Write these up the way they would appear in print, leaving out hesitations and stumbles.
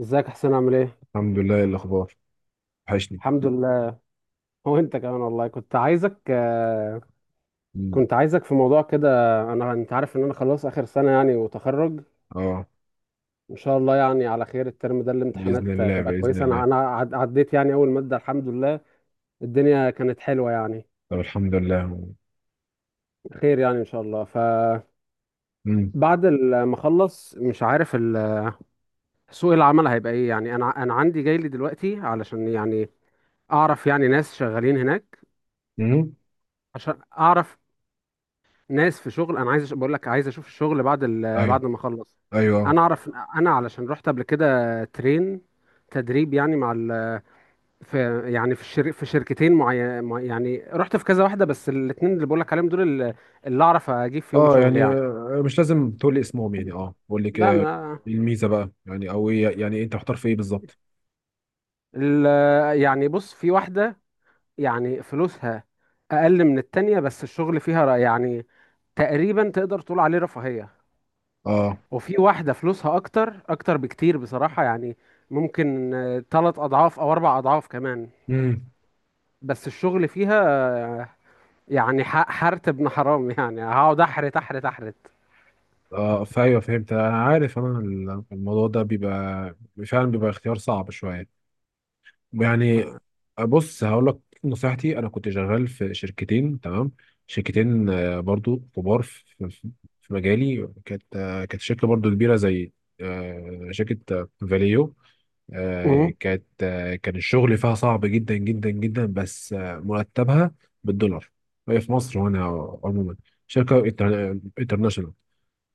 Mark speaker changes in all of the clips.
Speaker 1: ازيك يا حسين عامل ايه؟
Speaker 2: الحمد لله. إيه الأخبار؟ وحشني.
Speaker 1: الحمد لله. وانت كمان والله
Speaker 2: مم.
Speaker 1: كنت عايزك في موضوع كده. انت عارف ان انا خلاص اخر سنة، يعني وتخرج
Speaker 2: اه،
Speaker 1: ان شاء الله، يعني على خير. الترم ده
Speaker 2: بإذن
Speaker 1: الامتحانات
Speaker 2: الله
Speaker 1: تبقى
Speaker 2: بإذن
Speaker 1: كويسة. انا
Speaker 2: الله.
Speaker 1: انا عد- عديت يعني اول مادة الحمد لله. الدنيا كانت حلوة يعني،
Speaker 2: طب، الحمد لله.
Speaker 1: خير يعني ان شاء الله. فبعد
Speaker 2: مم.
Speaker 1: ما اخلص، مش عارف سوق العمل هيبقى ايه. يعني انا عندي جاي لي دلوقتي علشان يعني اعرف، يعني ناس شغالين هناك،
Speaker 2: مم.
Speaker 1: عشان اعرف ناس في شغل. انا عايز بقول لك عايز اشوف الشغل
Speaker 2: أيوه،
Speaker 1: بعد ما اخلص.
Speaker 2: أيوه.
Speaker 1: انا اعرف انا علشان رحت قبل كده ترين تدريب يعني في، يعني في شركتين معين، يعني رحت في كذا واحده. بس الاثنين اللي بقول لك عليهم دول اللي اعرف اجيب فيهم
Speaker 2: اه،
Speaker 1: شغل
Speaker 2: يعني
Speaker 1: يعني.
Speaker 2: مش لازم تقول لي اسمهم، يعني اه قول لي كده
Speaker 1: ده
Speaker 2: إيه
Speaker 1: ما
Speaker 2: الميزة بقى، يعني أو إيه، يعني إيه أنت محتار في إيه بالظبط؟
Speaker 1: ال... يعني بص، في واحده يعني فلوسها اقل من التانية، بس الشغل فيها يعني تقريبا تقدر تقول عليه رفاهيه.
Speaker 2: اه.
Speaker 1: وفي واحدة فلوسها أكتر أكتر بكتير بصراحة، يعني ممكن تلات أضعاف أو أربع أضعاف كمان،
Speaker 2: امم.
Speaker 1: بس الشغل فيها يعني حرت ابن حرام. يعني هقعد أحرت أحرت أحرت.
Speaker 2: اه. فايوه، فهمت. أنا عارف. أنا الموضوع ده بيبقى، فعلا بيبقى اختيار صعب شوية
Speaker 1: ف...
Speaker 2: يعني. بص، هقول لك نصيحتي. انا كنت شغال في شركتين، تمام. شركتين، برضو كبار في في- في مجالي. كانت كانت شركه برضو كبيره، زي شركه، فاليو.
Speaker 1: مم.
Speaker 2: كانت كان الشغل فيها صعب جدا جدا جدا، بس مرتبها بالدولار. هي في مصر وانا عموما شركه انترناشونال.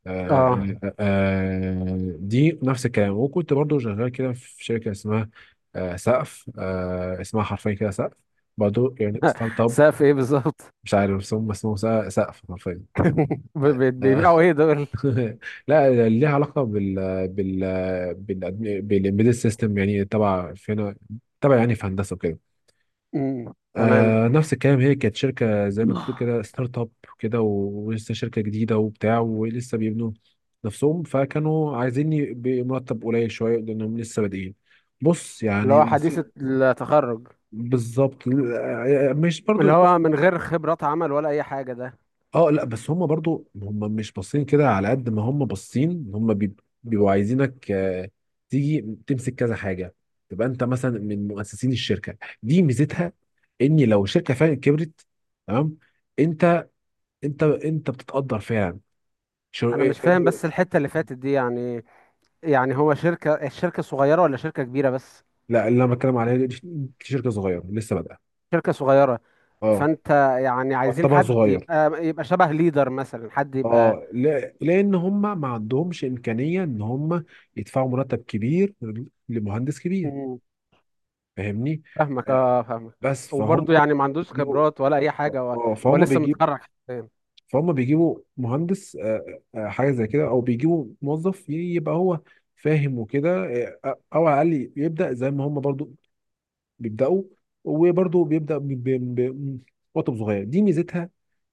Speaker 1: اه،
Speaker 2: دي نفس الكلام. وكنت برضو شغال كده في شركة اسمها سقف، اسمها حرفيا كده سقف، برضو يعني ستارت اب.
Speaker 1: سقف ايه بالظبط؟
Speaker 2: مش عارف اسمه، بس اسمه سقف حرفيا. لا
Speaker 1: بيبيعوا ايه دول؟
Speaker 2: لا، ليها علاقة بال بال بالامبيدد سيستم، يعني تبع فينا، تبع يعني في هندسة وكده.
Speaker 1: مم. تمام.
Speaker 2: آه، نفس الكلام. هي كانت شركة زي ما تقول كده ستارت اب كده، ولسه شركة جديدة وبتاع، ولسه بيبنوا نفسهم. فكانوا عايزين بمرتب قليل شوية لأنهم لسه بادئين. بص
Speaker 1: اللي
Speaker 2: يعني.
Speaker 1: هو حديث التخرج،
Speaker 2: بالظبط، مش برضو
Speaker 1: اللي
Speaker 2: بص.
Speaker 1: هو من غير خبرات عمل ولا اي حاجة ده؟
Speaker 2: اه، لا، بس هم برضو هم مش باصين كده. على قد ما هم باصين هم بيبقوا عايزينك تيجي تمسك كذا حاجة. تبقى انت مثلا من مؤسسين الشركة. دي ميزتها، ان لو الشركة فعلا كبرت، تمام. انت انت انت بتتقدر فعلا. شو... إيه-
Speaker 1: انا
Speaker 2: إيه،
Speaker 1: مش فاهم
Speaker 2: ب-
Speaker 1: بس الحتة اللي فاتت دي، يعني يعني هو الشركة صغيرة ولا شركة كبيرة بس؟
Speaker 2: لا، اللي انا بتكلم عليه دي شركه صغيره لسه بادئه.
Speaker 1: شركة صغيرة.
Speaker 2: اه.
Speaker 1: فانت يعني عايزين
Speaker 2: مرتبها
Speaker 1: حد
Speaker 2: صغير.
Speaker 1: يبقى شبه ليدر مثلا، حد يبقى.
Speaker 2: اه، لا، لان هم ما عندهمش امكانيه ان هم يدفعوا مرتب كبير لمهندس كبير.
Speaker 1: مم.
Speaker 2: فاهمني؟
Speaker 1: فاهمك
Speaker 2: آه،
Speaker 1: اه فاهمك.
Speaker 2: بس فهم
Speaker 1: وبرضه يعني ما عندوش
Speaker 2: بيجيبوا.
Speaker 1: خبرات ولا اي حاجة هو،
Speaker 2: اه،
Speaker 1: هو
Speaker 2: فهم
Speaker 1: لسه
Speaker 2: بيجيبوا.
Speaker 1: متخرج حرفياً.
Speaker 2: فهم بيجيبوا مهندس، حاجه زي كده، او بيجيبوا موظف يبقى هو فاهم وكده. او على الاقل يبدا زي ما هم برضو بيبداوا. وبرضه بيبدا بوقت صغير. دي ميزتها،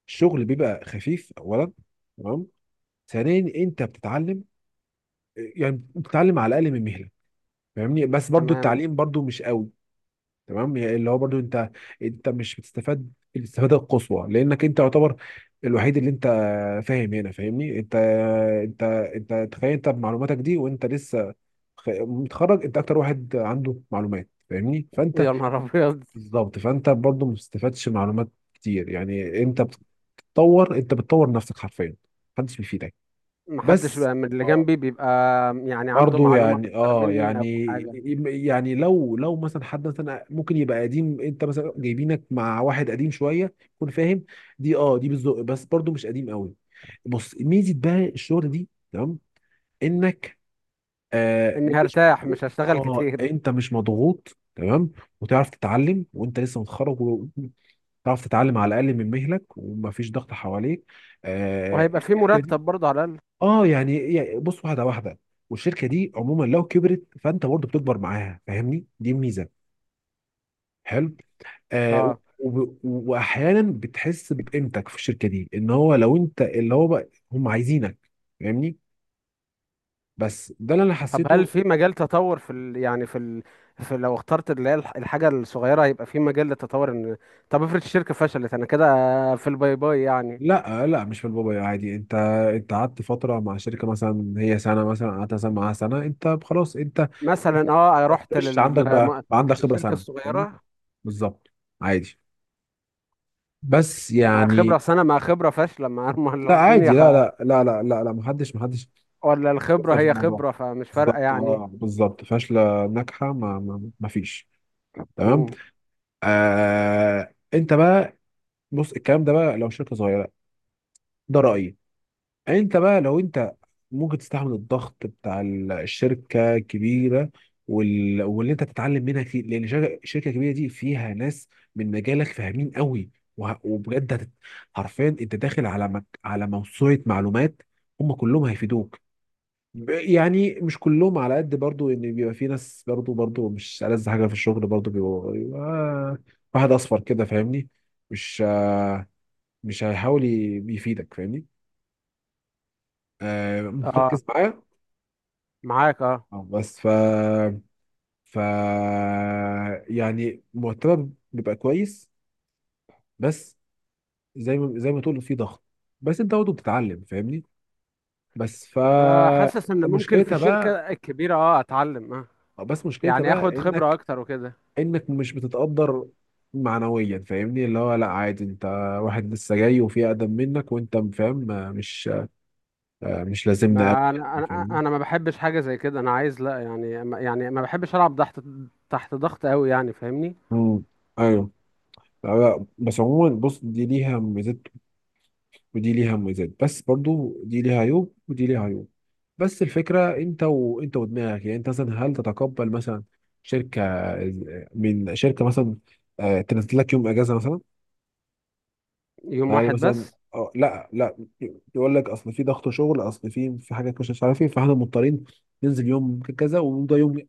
Speaker 2: الشغل بيبقى خفيف. اولا تمام. ثانيا، انت بتتعلم، يعني بتتعلم على الاقل من مهله. فاهمني؟ بس برضه
Speaker 1: تمام.
Speaker 2: التعليم برضه مش قوي. تمام، يعني اللي هو برضه انت مش بتستفاد الاستفاده القصوى. لانك انت يعتبر الوحيد اللي انت فاهم هنا. فاهمني؟ انت انت تخيل، انت بمعلوماتك دي، وانت لسه متخرج، انت اكتر واحد عنده معلومات. فاهمني؟ فانت
Speaker 1: يا نهار ابيض.
Speaker 2: بالظبط. فانت برضو ما بتستفادش معلومات كتير. يعني انت بتطور، انت بتطور نفسك حرفيا. محدش بيفيدك.
Speaker 1: ما حدش
Speaker 2: بس،
Speaker 1: بقى من اللي
Speaker 2: اه،
Speaker 1: جنبي بيبقى يعني عنده
Speaker 2: برضو
Speaker 1: معلومة
Speaker 2: يعني،
Speaker 1: اكتر
Speaker 2: اه
Speaker 1: مني او
Speaker 2: يعني،
Speaker 1: حاجة.
Speaker 2: يعني لو لو مثلا حد مثلا ممكن يبقى قديم. انت مثلا جايبينك مع واحد قديم شويه يكون فاهم. دي اه، دي بالذوق. بس برضو مش قديم قوي. بص، ميزه بقى الشغل دي، تمام، انك
Speaker 1: اني
Speaker 2: مش.
Speaker 1: هرتاح مش هشتغل
Speaker 2: اه،
Speaker 1: كتير،
Speaker 2: انت مش مضغوط، تمام. وتعرف تتعلم وانت لسه متخرج. تعرف تتعلم على الاقل من مهلك، ومفيش ضغط حواليك. آه،
Speaker 1: وهيبقى في
Speaker 2: الشركه دي.
Speaker 1: مرتب برضه على الاقل.
Speaker 2: اه، يعني، يعني بص واحده واحده. والشركه دي عموما لو كبرت فانت برضه بتكبر معاها. فاهمني؟ دي الميزه، حلو.
Speaker 1: اه.
Speaker 2: واحيانا بتحس بقيمتك في الشركه دي، ان هو لو انت، اللي هو بقى هم عايزينك. فاهمني؟ بس ده اللي انا
Speaker 1: طب هل
Speaker 2: حسيته.
Speaker 1: في مجال تطور في ال... يعني في ال... في، لو اخترت اللي هي الحاجة الصغيرة، هيبقى في مجال للتطور؟ ان طب افرض الشركة فشلت انا كده في الباي باي يعني.
Speaker 2: لا، لا، مش في البابايا. عادي، انت انت قعدت فتره مع شركه مثلا، هي سنه مثلا، قعدت مثلا معاها سنه، انت خلاص. انت
Speaker 1: مثلا
Speaker 2: انت
Speaker 1: اه رحت
Speaker 2: فريش، عندك بقى عندك خبره
Speaker 1: للشركة
Speaker 2: سنه. فاهمني؟
Speaker 1: الصغيرة
Speaker 2: بالظبط. عادي، بس
Speaker 1: مع
Speaker 2: يعني.
Speaker 1: خبرة سنة، مع خبرة فاشلة، مع
Speaker 2: لا، عادي، لا، لا، لا، لا، لا، لا، محدش
Speaker 1: ولا الخبرة
Speaker 2: يسأل في
Speaker 1: هي
Speaker 2: الموضوع.
Speaker 1: خبرة فمش فارقة
Speaker 2: بالظبط،
Speaker 1: يعني؟
Speaker 2: اه، بالظبط. فاشله، ناجحه، ما فيش. تمام.
Speaker 1: مم.
Speaker 2: آه، انت بقى، بص، الكلام ده بقى لو شركه صغيره، ده رايي. انت بقى لو انت ممكن تستحمل الضغط بتاع الشركه الكبيره، واللي انت تتعلم منها كتير. لان الشركه الكبيره دي فيها ناس من مجالك فاهمين قوي. وبجد حرفيا انت داخل على على موسوعه معلومات. هم كلهم هيفيدوك. يعني مش كلهم على قد. برضو ان بيبقى في ناس، برضو مش ألذ حاجه في الشغل. برضو بيبقى واحد اصفر كده. فاهمني؟ مش مش هيحاول يفيدك. فاهمني؟
Speaker 1: اه،
Speaker 2: مركز معايا.
Speaker 1: معاك اه.
Speaker 2: اه، بس ف ف يعني مرتبك بيبقى كويس. بس زي ما تقول في ضغط، بس انت برضه بتتعلم. فاهمني؟ بس ف
Speaker 1: انا حاسس ان ممكن في
Speaker 2: مشكلتها
Speaker 1: الشركة
Speaker 2: بقى،
Speaker 1: الكبيرة اه اتعلم اه،
Speaker 2: بس مشكلتها
Speaker 1: يعني اخد
Speaker 2: بقى،
Speaker 1: خبرة
Speaker 2: انك
Speaker 1: اكتر وكده.
Speaker 2: انك مش بتتقدر معنويا. فاهمني؟ اللي هو لا، عادي انت واحد لسه جاي، وفي اقدم منك، وانت فاهم مش مش لازمنا قوي
Speaker 1: ما انا
Speaker 2: يعني.
Speaker 1: انا
Speaker 2: فاهمني؟
Speaker 1: انا ما بحبش حاجه زي كده. انا عايز، لا يعني يعني ما بحبش العب تحت ضغط قوي، يعني فاهمني.
Speaker 2: امم. ايوه. لا، لا، بس عموما بص، دي ليها ميزات ودي ليها مميزات، بس برضو دي ليها عيوب ودي ليها عيوب. بس الفكرة انت، وانت ودماغك. يعني انت مثلا هل تتقبل مثلا، شركة، من شركة مثلا، تنزل لك يوم اجازة مثلا.
Speaker 1: يوم
Speaker 2: هل
Speaker 1: واحد
Speaker 2: مثلا،
Speaker 1: بس؟
Speaker 2: آه، لا لا يقول لك اصل في ضغط شغل، اصل في حاجات مش مش عارف ايه، فاحنا مضطرين ننزل يوم كذا، وده يوم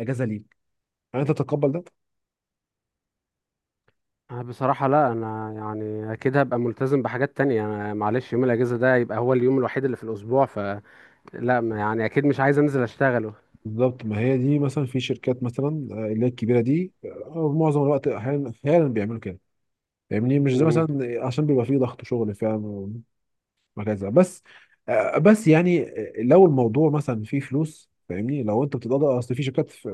Speaker 2: اجازة ليك. هل انت تتقبل ده؟
Speaker 1: أنا بصراحه لا، انا يعني اكيد هبقى ملتزم بحاجات تانية. انا معلش يوم الاجازه ده يبقى هو اليوم الوحيد اللي في الاسبوع، فلا يعني اكيد مش عايز انزل اشتغله.
Speaker 2: بالظبط، ما هي دي. مثلا في شركات مثلا اللي هي الكبيرة دي معظم الوقت، احيانا بيعملوا كده. فاهمني؟ مش زي
Speaker 1: مم.
Speaker 2: مثلا، عشان بيبقى فيه ضغط شغل فعلا وهكذا. بس بس يعني، لو الموضوع مثلا فيه فلوس. فاهمني؟ لو انت بتتقاضى، اصل في شركات ف-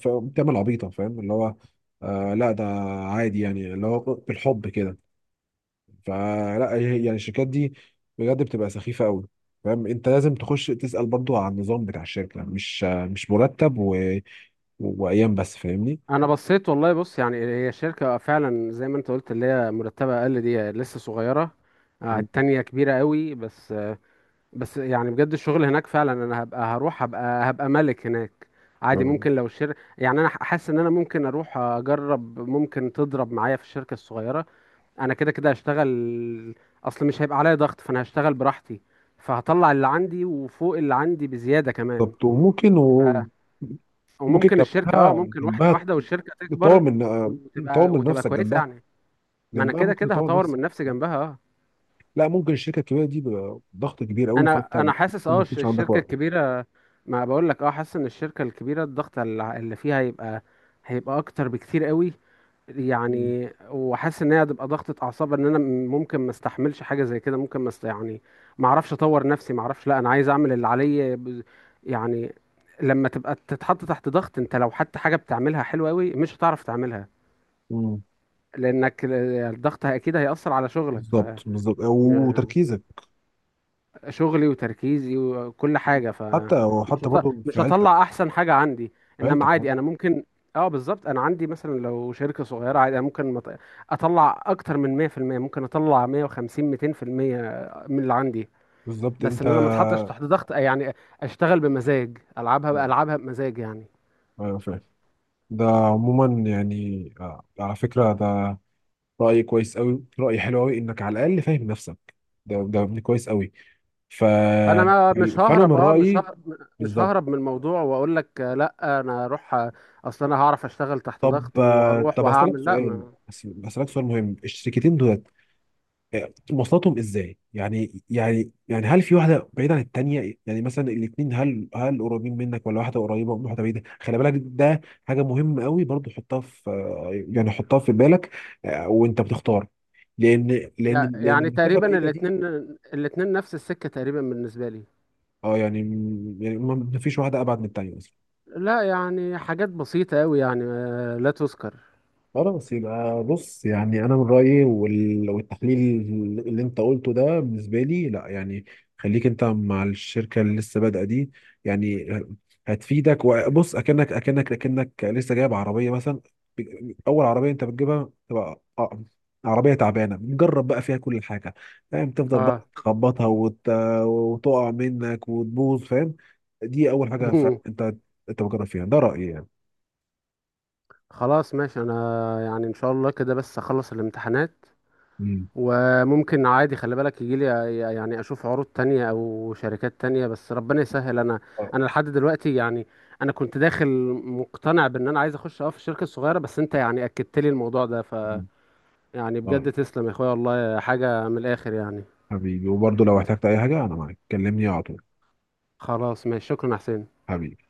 Speaker 2: ف- بتعمل عبيطه. فاهم اللي هو لا، ده عادي يعني، اللي هو بالحب كده. يعني الشركات دي بجد بتبقى سخيفه قوي. فاهم؟ انت لازم تخش تسال برضو على النظام بتاع الشركه، مش مش مرتب وايام بس. فاهمني؟
Speaker 1: انا بصيت والله. بص، يعني هي الشركه فعلا زي ما انت قلت، اللي هي مرتبه اقل دي لسه صغيره. آه،
Speaker 2: مم.
Speaker 1: التانية كبيره قوي، بس بس يعني بجد الشغل هناك فعلا. انا هبقى هروح، هبقى ملك هناك عادي.
Speaker 2: آه،
Speaker 1: ممكن لو يعني انا حاسس ان انا ممكن اروح اجرب، ممكن تضرب معايا في الشركة الصغيرة. انا كده كده هشتغل. اصل مش هيبقى عليا ضغط فانا هشتغل براحتي، فهطلع اللي عندي وفوق اللي عندي بزيادة كمان.
Speaker 2: بالظبط، وممكن
Speaker 1: ف...
Speaker 2: ممكن
Speaker 1: وممكن الشركة اه
Speaker 2: جنبها
Speaker 1: ممكن واحدة واحدة والشركة
Speaker 2: تطور
Speaker 1: تكبر،
Speaker 2: من، تطور من
Speaker 1: وتبقى
Speaker 2: نفسك
Speaker 1: كويسة
Speaker 2: جنبها
Speaker 1: يعني. ما انا كده
Speaker 2: ممكن
Speaker 1: كده
Speaker 2: تطور
Speaker 1: هطور
Speaker 2: نفسك.
Speaker 1: من نفسي جنبها اه.
Speaker 2: لا، ممكن الشركه الكبيره دي بيبقى ضغط كبير قوي. فانت
Speaker 1: انا
Speaker 2: ممكن
Speaker 1: انا حاسس
Speaker 2: ما
Speaker 1: اه
Speaker 2: تكونش عندك
Speaker 1: الشركه
Speaker 2: وقت.
Speaker 1: الكبيره، ما بقول لك اه، حاسس ان الشركه الكبيره الضغط اللي فيها هيبقى، هيبقى اكتر بكتير قوي.
Speaker 2: مم.
Speaker 1: يعني وحاسس ان هي هتبقى ضغطه اعصاب، ان انا ممكن ما استحملش حاجه زي كده. ممكن ما است... يعني ما اعرفش اطور نفسي، ما اعرفش. لا انا عايز اعمل اللي عليا يعني. لما تبقى تتحط تحت ضغط، انت لو حتى حاجه بتعملها حلوه قوي مش هتعرف تعملها،
Speaker 2: مم.
Speaker 1: لانك الضغط اكيد هيأثر على شغلك. ف
Speaker 2: بالظبط، بالظبط، وتركيزك.
Speaker 1: شغلي وتركيزي وكل حاجة. ف
Speaker 2: حتى وحتى برضه في
Speaker 1: مش
Speaker 2: عيلتك.
Speaker 1: هطلع احسن حاجة عندي.
Speaker 2: في
Speaker 1: انما
Speaker 2: عيلتك برضه.
Speaker 1: عادي انا ممكن، اه بالظبط، انا عندي مثلا لو شركة صغيرة عادي انا ممكن اطلع اكتر من 100% ممكن اطلع 150 200% من اللي عندي.
Speaker 2: بالظبط
Speaker 1: بس
Speaker 2: انت.
Speaker 1: ان انا ما اتحطش تحت ضغط يعني، اشتغل بمزاج، العبها
Speaker 2: مم.
Speaker 1: العبها بمزاج يعني.
Speaker 2: ايوه، فاهم. ده عموما يعني على فكره ده راي كويس قوي، راي حلو قوي. انك على الاقل فاهم نفسك. ده ده يعني كويس قوي. ف...
Speaker 1: انا ما مش
Speaker 2: فانا من
Speaker 1: ههرب اه مش
Speaker 2: رايي.
Speaker 1: ههرب مش
Speaker 2: بالظبط.
Speaker 1: ههرب من الموضوع، واقول لك لا، انا اروح اصل انا هعرف اشتغل تحت
Speaker 2: طب
Speaker 1: ضغط وهروح
Speaker 2: طب اسالك
Speaker 1: وهعمل. لا
Speaker 2: سؤال، بس بسالك سؤال مهم. الشركتين دولت مواصلاتهم ازاي؟ يعني، يعني يعني هل في واحده بعيده عن التانيه؟ يعني مثلا الاثنين، هل هل قريبين منك ولا واحده قريبه وواحده بعيده؟ خلي بالك ده حاجه مهمه قوي برضو. حطها في يعني حطها في بالك وانت بتختار. لان لان لان
Speaker 1: يعني
Speaker 2: المسافه
Speaker 1: تقريبا
Speaker 2: بعيده دي.
Speaker 1: الاتنين، الاتنين نفس السكة تقريبا بالنسبة لي.
Speaker 2: اه، يعني، ما فيش واحده ابعد من التانيه.
Speaker 1: لا يعني حاجات بسيطة أوي، يعني لا تذكر.
Speaker 2: خلاص. يبقى بص، يعني انا من رايي، والتحليل اللي انت قلته ده بالنسبه لي، لا يعني. خليك انت مع الشركه اللي لسه بادئه دي. يعني هتفيدك. وبص، اكنك لسه جايب عربيه مثلا. اول عربيه انت بتجيبها تبقى عربيه تعبانه. جرب بقى فيها كل حاجه. فاهم؟ تفضل بقى
Speaker 1: اه.
Speaker 2: تخبطها وتقع منك وتبوظ. فاهم؟ دي اول حاجه. انت بتجرب فيها. ده رايي يعني.
Speaker 1: خلاص ماشي. انا يعني ان شاء الله كده بس اخلص الامتحانات.
Speaker 2: مم.
Speaker 1: وممكن عادي، خلي بالك، يجيلي يعني اشوف عروض تانية او شركات تانية. بس ربنا يسهل. انا
Speaker 2: اه.
Speaker 1: انا لحد دلوقتي يعني انا كنت داخل مقتنع بان انا عايز اخش اه في الشركة الصغيرة، بس انت يعني اكدت لي الموضوع ده. ف
Speaker 2: مم.
Speaker 1: يعني
Speaker 2: اه.
Speaker 1: بجد تسلم يا اخويا والله، حاجة من الاخر يعني.
Speaker 2: حبيبي. وبرضه لو احتجت اي حاجة انا معاك. كلمني على طول.
Speaker 1: خلاص ماشي، شكرا يا حسين.
Speaker 2: حبيبي.